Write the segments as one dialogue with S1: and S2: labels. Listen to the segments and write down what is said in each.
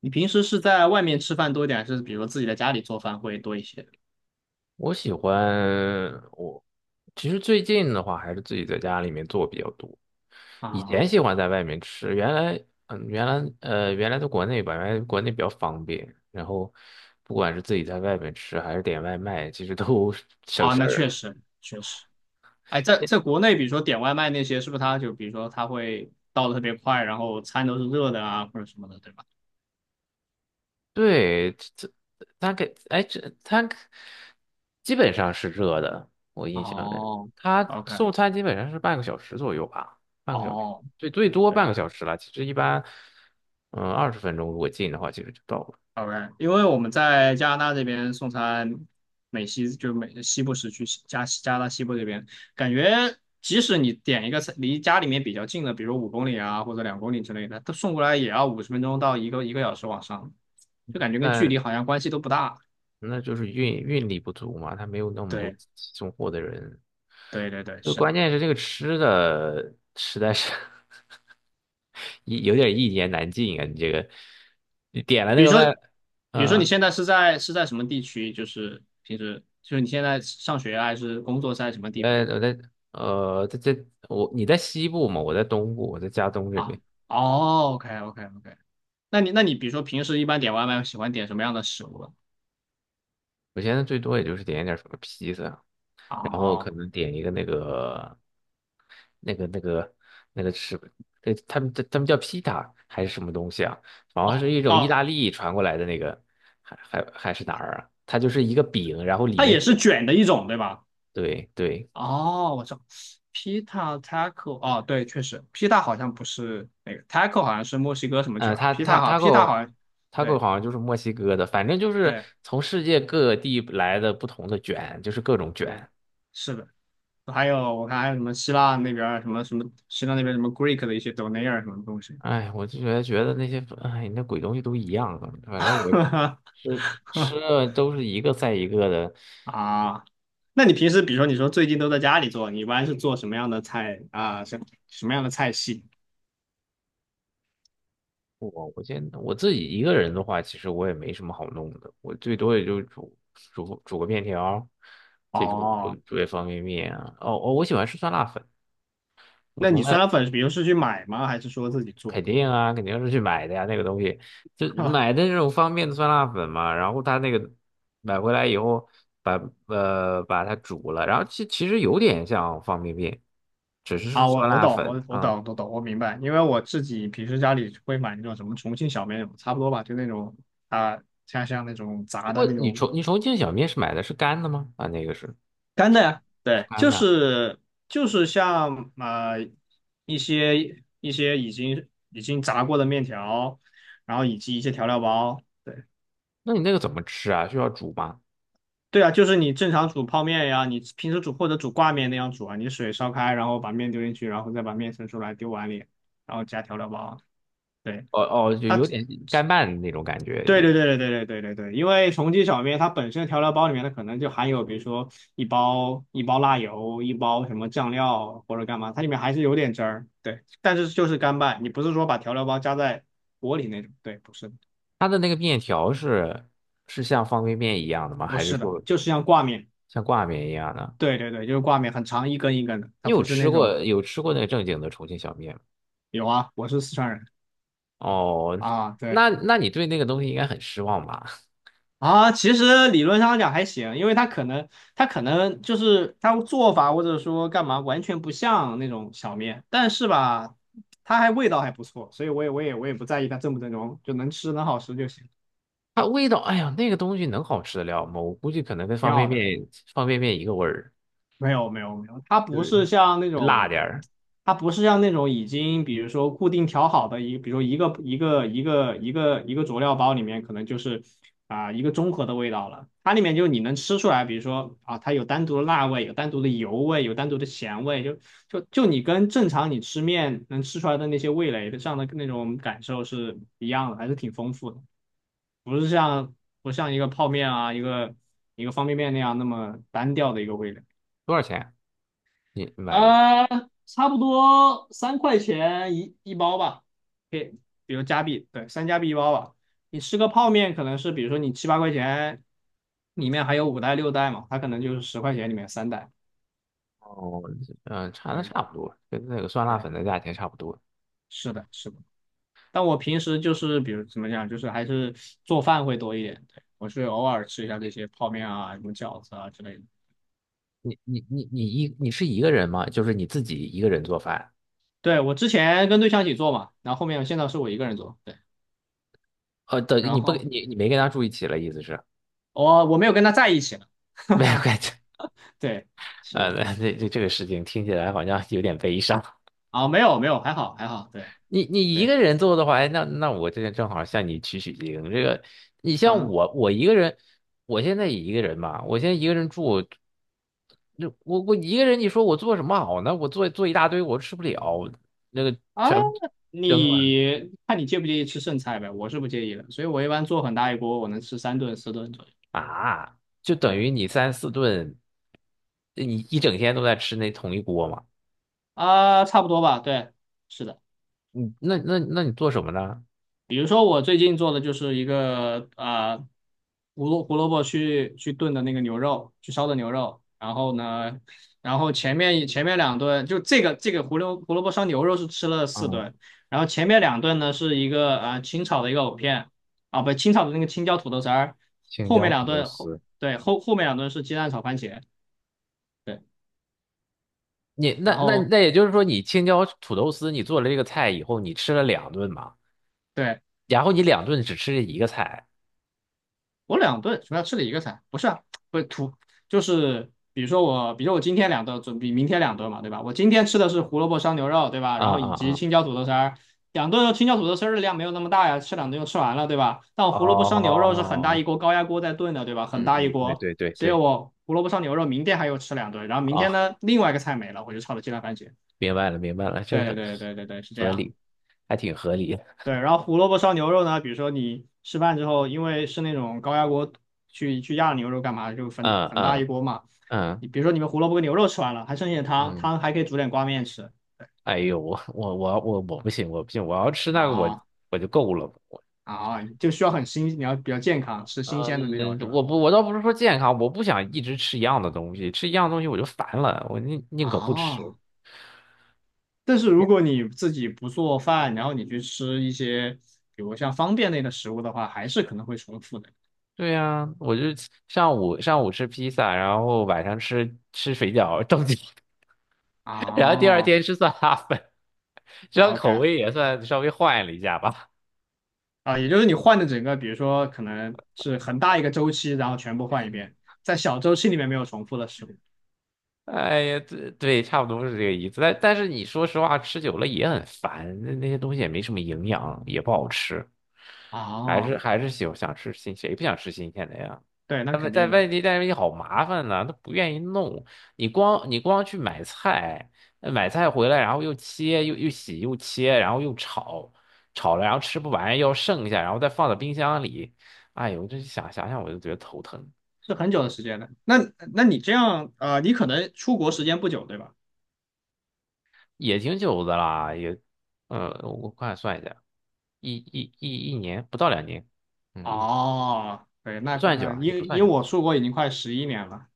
S1: 你平时是在外面吃饭多一点，还是比如自己在家里做饭会多一些？
S2: 我喜欢我，其实最近的话还是自己在家里面做比较多。以前
S1: 啊
S2: 喜欢在外面吃，原来嗯，原来呃，原来在国内吧，原来国内比较方便，然后不管是自己在外面吃还是点外卖，其实都 省
S1: 啊，
S2: 事
S1: 那确
S2: 儿。
S1: 实确实。哎，在国内，比如说点外卖那些，是不是他就比如说他会到的特别快，然后餐都是热的啊，或者什么的，对吧？
S2: 对，这这它给，哎，这他基本上是热的，我印象里，
S1: 哦
S2: 他
S1: ，OK，
S2: 送餐基本上是半个小时左右吧，半个小时，
S1: 哦，
S2: 最多半
S1: 对，
S2: 个小时了。其实一般，20分钟如果近的话，其实就到了。
S1: OK，因为我们在加拿大这边送餐，美西就美西部时区西加加拿大西部这边，感觉即使你点一个餐离家里面比较近的，比如5公里啊或者2公里之类的，它送过来也要50分钟到一个小时往上，就感觉跟距离好
S2: 但
S1: 像关系都不大。
S2: 那就是运力不足嘛，他没有那么多
S1: 对
S2: 送货的人。
S1: 对对对，
S2: 就
S1: 是的。
S2: 关键是这个吃的实在是 有点一言难尽啊！你这个，你点了那
S1: 比如
S2: 个
S1: 说，
S2: 外，
S1: 比如说你
S2: 嗯、
S1: 现在是在什么地区？就是平时就是你现在上学啊还是工作是在什么
S2: 我
S1: 地方
S2: 在我在呃，在在我你在西部嘛，我在东部，我在加东这边。
S1: 啊？哦，OK OK OK，那你那你比如说平时一般点外卖喜欢点什么样的食物呢？
S2: 我现在最多也就是点一点什么披萨啊，然后可
S1: 哦
S2: 能点一个那个那个那个吃，对，他们叫披萨还是什么东西啊？好
S1: 哦
S2: 像是一种意
S1: 哦，
S2: 大利传过来的那个，还是哪儿啊？它就是一个饼，然后里
S1: 它
S2: 面
S1: 也
S2: 卷，
S1: 是卷的一种，对吧？
S2: 对对，
S1: 哦，我知道，pita taco，哦，对，确实，pita 好像不是那个，taco 好像是墨西哥什么卷
S2: 嗯，他
S1: ，pita 好，pita 好
S2: taco
S1: 像，对
S2: 好像就是墨西哥的，反正就是
S1: 对
S2: 从世界各地来的不同的卷，就是各种
S1: 对，
S2: 卷。
S1: 是的。还有我看还有什么希腊那边儿什么什么希腊那边什么 Greek 的一些 donair 什么东西，
S2: 哎，我就觉得那些，哎，那鬼东西都一样啊，反正我吃吃 的都是一个赛一个的。
S1: 啊，那你平时比如说你说最近都在家里做，你一般是做什么样的菜啊？什么样的菜系？
S2: 我我现在我自己一个人的话，其实我也没什么好弄的，我最多也就煮个面条，再煮煮
S1: 哦，
S2: 煮点方便面啊。哦哦，我喜欢吃酸辣粉，我
S1: 那
S2: 从
S1: 你酸
S2: 来
S1: 辣粉，比如是去买吗？还是说自己
S2: 肯
S1: 做？
S2: 定啊，肯定是去买的呀，那个东西就 买的那种方便的酸辣粉嘛，然后他那个买回来以后把把它煮了，然后其实有点像方便面，只是是
S1: 啊，我
S2: 酸
S1: 我
S2: 辣
S1: 懂，
S2: 粉
S1: 我我
S2: 啊。
S1: 懂，我懂，我明白，因为我自己平时家里会买那种什么重庆小面那种差不多吧，就那种啊，像那种炸
S2: 不
S1: 的
S2: 过
S1: 那
S2: 你
S1: 种
S2: 重你重庆小面是买的是干的吗？啊，那个是
S1: 干的呀，
S2: 是
S1: 对，
S2: 干
S1: 就
S2: 的，
S1: 是就是像一些已经炸过的面条，然后以及一些调料包，对
S2: 那你那个怎么吃啊？需要煮吗？
S1: 对啊，就是你正常煮泡面呀，你平时煮或者煮挂面那样煮啊，你水烧开，然后把面丢进去，然后再把面盛出来丢碗里，然后加调料包，对。
S2: 哦哦，就
S1: 它。
S2: 有点干拌的那种感觉。
S1: 对对对对对对对对对，因为重庆小面它本身调料包里面它可能就含有，比如说一包辣油，一包什么酱料或者干嘛，它里面还是有点汁儿，对，但是就是干拌，你不是说把调料包加在锅里那种，对，不是的
S2: 它的那个面条是像方便面一样的吗？
S1: 不
S2: 还是
S1: 是的，
S2: 说
S1: 就是像挂面，
S2: 像挂面一样的？
S1: 对对对，就是挂面，很长一根一根的，
S2: 你
S1: 它
S2: 有
S1: 不是
S2: 吃
S1: 那种，
S2: 过有吃过那个正经的重庆小面吗？
S1: 有啊，我是四川人
S2: 哦，
S1: 啊，对。
S2: 那你对那个东西应该很失望吧？
S1: 啊，其实理论上讲还行，因为他可能就是他做法或者说干嘛完全不像那种小面，但是吧，它还味道还不错，所以我也不在意它正不正宗，就能吃能好吃就行，
S2: 它味道，哎呀，那个东西能好吃得了吗？我估计可能跟
S1: 挺
S2: 方便
S1: 好的。
S2: 面方便面一个味儿，
S1: 没有没有没有，它
S2: 就
S1: 不
S2: 是
S1: 是像那
S2: 辣点
S1: 种，
S2: 儿。
S1: 它不是像那种已经比如说固定调好的一，比如说一个佐料包里面可能就是一个综合的味道了，它里面就你能吃出来，比如说啊它有单独的辣味，有单独的油味，有单独的咸味，就你跟正常你吃面能吃出来的那些味蕾的上的那种感受是一样的，还是挺丰富的，不是像不像一个泡面啊一个方便面那样那么单调的一个味蕾。
S2: 多少钱啊？你买的？
S1: 啊，差不多3块钱一包吧，可以，比如加币，对，3加币一包吧。你吃个泡面可能是，比如说你7、8块钱，里面还有5袋6袋嘛，它可能就是10块钱里面3袋。
S2: 哦，嗯、
S1: 对
S2: 差不多，跟那个酸辣
S1: 对，
S2: 粉的价钱差不多。
S1: 是的，是的。但我平时就是比如怎么讲，就是还是做饭会多一点。对，我是偶尔吃一下这些泡面啊，什么饺子啊之类的。
S2: 你是一个人吗？就是你自己一个人做饭？
S1: 对，我之前跟对象一起做嘛，然后后面现在是我一个人做，对，
S2: 等
S1: 然
S2: 你不
S1: 后
S2: 你你没跟他住一起了，意思是？
S1: 我没有跟他在一起了。
S2: 没有 关系。
S1: 对，是的，
S2: 那这个事情听起来好像有点悲伤。
S1: 啊，没有没有，还好还好，对
S2: 你一
S1: 对，
S2: 个人做的话，哎那我这正好向你取经。这个，你像
S1: 嗯
S2: 我，我一个人，我现在也一个人嘛，我现在一个人住，那我一个人，你说我做什么好呢？我做一大堆，我吃不了，那个
S1: 啊，
S2: 全部扔了
S1: 你看你介不介意吃剩菜呗？我是不介意的，所以我一般做很大一锅，我能吃3顿4顿左右。
S2: 啊，就等
S1: 对
S2: 于你三四顿，你一整天都在吃那同一锅嘛。
S1: 啊，差不多吧，对，是的。
S2: 你那你做什么呢？
S1: 比如说我最近做的就是一个胡萝卜去炖的那个牛肉，去烧的牛肉。然后呢，然后前面两顿就这个胡萝卜烧牛肉是吃了四
S2: 嗯，
S1: 顿，然后前面两顿呢是一个清炒的一个藕片啊，不清炒的那个青椒土豆丝儿，
S2: 青
S1: 后
S2: 椒
S1: 面
S2: 土
S1: 两
S2: 豆
S1: 顿
S2: 丝。
S1: 对后面两顿是鸡蛋炒番茄，对，
S2: 你那
S1: 然
S2: 那
S1: 后。
S2: 那也就是说，你青椒土豆丝，你做了这个菜以后，你吃了两顿嘛，
S1: 对，
S2: 然后你两顿只吃这一个菜，
S1: 我两顿什么要吃了一个菜，不是啊，不是土，就是比如说我，比如说我今天两顿，准比明天两顿嘛，对吧？我今天吃的是胡萝卜烧牛肉，对吧？
S2: 啊
S1: 然后
S2: 啊
S1: 以及
S2: 啊，
S1: 青椒土豆丝儿，两顿青椒土豆丝儿的量没有那么大呀，吃两顿就吃完了，对吧？但我胡萝卜烧牛肉是很大
S2: 哦，
S1: 一锅高压锅在炖的，对吧？很
S2: 嗯
S1: 大一
S2: 嗯，对
S1: 锅，
S2: 对对
S1: 所以
S2: 对，
S1: 我胡萝卜烧牛肉明天还有吃两顿，然后明天
S2: 啊，
S1: 呢另外一个菜没了，我就炒了鸡蛋番茄。
S2: 明白了明白了，这
S1: 对
S2: 个
S1: 对对对对对，是这
S2: 合
S1: 样。
S2: 理，还挺合理，
S1: 对，然后胡萝卜烧牛肉呢，比如说你吃饭之后，因为是那种高压锅去压牛肉干嘛，就分
S2: 嗯
S1: 很大一
S2: 嗯
S1: 锅嘛。
S2: 嗯
S1: 你比如说你们胡萝卜跟牛肉吃完了，还剩一点汤，
S2: 嗯，
S1: 汤还可以煮点挂面吃
S2: 哎呦，我不行，我不行，我要吃那个我
S1: 啊
S2: 我就够了，我
S1: 啊，就需要很新，你要比较健康，吃新鲜的那种
S2: 嗯，
S1: 是吧？
S2: 我不我倒不是说健康，我不想一直吃一样的东西，吃一样东西我就烦了，我宁可不吃。
S1: 啊，但是如果你自己不做饭，然后你去吃一些比如像方便类的食物的话，还是可能会重复的。
S2: 对呀、我就上午吃披萨，然后晚上吃水饺，正经，然后第二
S1: 哦
S2: 天吃酸辣粉，这样口
S1: ，OK，
S2: 味也算稍微换了一下吧。
S1: 啊，也就是你换的整个，比如说可能是很大一个周期，然后全部换一遍，在小周期里面没有重复的事物。
S2: 哎呀，对对，差不多是这个意思。但是你说实话，吃久了也很烦，那些东西也没什么营养，也不好吃。还
S1: 哦，
S2: 是还是喜欢想吃新，谁不想吃新鲜的呀？
S1: 对，那
S2: 但外
S1: 肯
S2: 在
S1: 定的，
S2: 外地着你好麻烦呢，他不愿意弄。你光去买菜，买菜回来，然后又切又洗又切，然后又炒，炒了然后吃不完要剩下，然后再放到冰箱里。哎呦，这想我就觉得头疼，
S1: 是很久的时间的。那那你这样，你可能出国时间不久，对吧？
S2: 也挺久的啦，我快算一下，一年不到2年，嗯，一
S1: 哦，对，
S2: 也
S1: 那
S2: 不算久
S1: 那
S2: 啊，也不
S1: 因
S2: 算
S1: 因
S2: 久。
S1: 为我出国已经快11年了，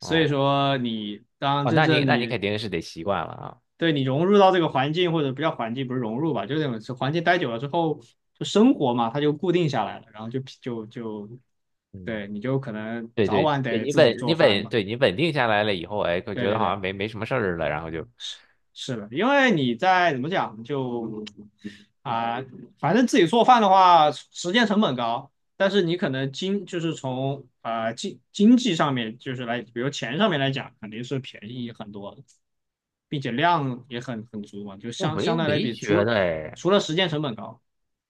S1: 所以说你当
S2: 哦，
S1: 真
S2: 那你
S1: 正
S2: 那你肯
S1: 你
S2: 定是得习惯了啊。
S1: 对你融入到这个环境，或者不叫环境，不是融入吧，就那种是环境待久了之后，就生活嘛，它就固定下来了，然后就
S2: 嗯。
S1: 对，你就可能
S2: 对
S1: 早
S2: 对
S1: 晚
S2: 对，
S1: 得
S2: 你
S1: 自己
S2: 稳你
S1: 做饭
S2: 稳，
S1: 嘛。
S2: 对你稳定下来了以后，哎，就
S1: 对
S2: 觉得
S1: 对
S2: 好
S1: 对，
S2: 像没什么事儿了，然后就
S1: 是是的，因为你在怎么讲就啊、反正自己做饭的话，时间成本高，但是你可能经就是从经济上面就是来，比如钱上面来讲，肯定是便宜很多的并且量也很足嘛，就
S2: 我
S1: 相
S2: 没
S1: 相
S2: 有
S1: 对来
S2: 没
S1: 比，
S2: 觉
S1: 除
S2: 得哎，
S1: 除了时间成本高，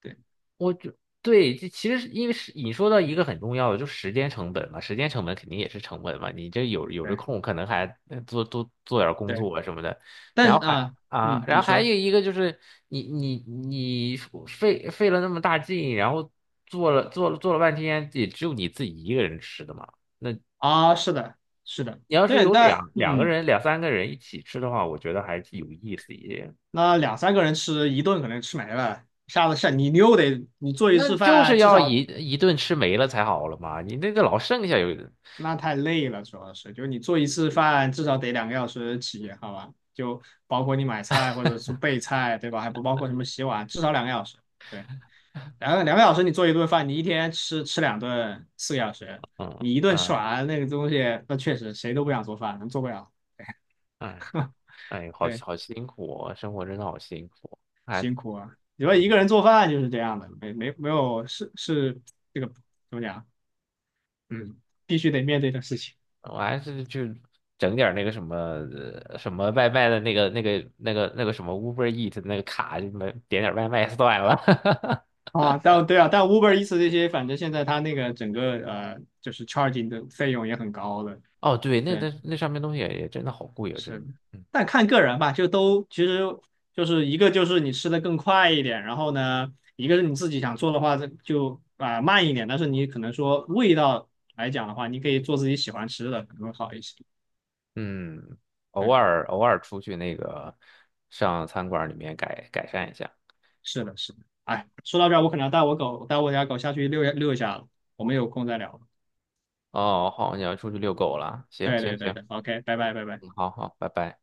S1: 对
S2: 我就对，这其实是因为是你说到一个很重要的，就时间成本嘛，时间成本肯定也是成本嘛，你这有这
S1: 对
S2: 空，可能还做点儿工
S1: 对，
S2: 作啊什么的，
S1: 但
S2: 然后
S1: 是
S2: 还啊，
S1: 嗯，
S2: 然
S1: 你
S2: 后还
S1: 说
S2: 有一个就是你费了那么大劲，然后做了半天，也只有你自己一个人吃的嘛。那。
S1: 是的，是的，
S2: 你要是
S1: 对，
S2: 有
S1: 但
S2: 两两个
S1: 嗯。
S2: 人、两三个人一起吃的话，我觉得还是有意思一点。
S1: 那2、3个人吃一顿可能吃没了，下次下你你又得你做一
S2: 那
S1: 次
S2: 就是
S1: 饭至
S2: 要一
S1: 少
S2: 一顿吃没了才好了嘛，你那个老剩下有，
S1: 那太累了，主要是就你做一次饭至少得两个小时起，好吧？就包括你买菜或者是备菜，对吧？还不包括什么洗碗，至少两个小时。对，两个小时你做一顿饭，你一天吃两顿，4个小时，
S2: 嗯
S1: 你一顿吃
S2: 嗯，
S1: 完那个东西，那确实谁都不想做饭，能做不了。
S2: 哎哎，好
S1: 对，
S2: 好辛苦哦，生活真的好辛苦。还
S1: 你说
S2: 我
S1: 一个人做饭就是这样的，没有是是这个怎么讲？嗯，必须得面对的事情
S2: 我还是去整点儿那个什么外卖的那个什么 Uber Eat 那个卡，就点点儿外卖算了。
S1: 啊。但对啊，但 Uber Eats 这些，反正现在它那个整个就是 charging 的费用也很高的。
S2: 哦，对，那
S1: 对，
S2: 那那上面东西也真的好贵啊，真
S1: 是的，
S2: 的。嗯
S1: 但看个人吧，就都其实就是一个就是你吃的更快一点，然后呢，一个是你自己想做的话就慢一点，但是你可能说味道来讲的话，你可以做自己喜欢吃的，可能会好一些。
S2: 嗯，偶
S1: 对，
S2: 尔偶尔出去那个上餐馆里面改善一下。
S1: 是的，是的。哎，说到这儿，我可能要带我狗带我家狗下去遛一下了，我们有空再聊。
S2: 哦，好，你要出去遛狗了，行
S1: 对
S2: 行
S1: 对对
S2: 行，
S1: 对，OK，拜拜拜拜。
S2: 嗯，好好，拜拜。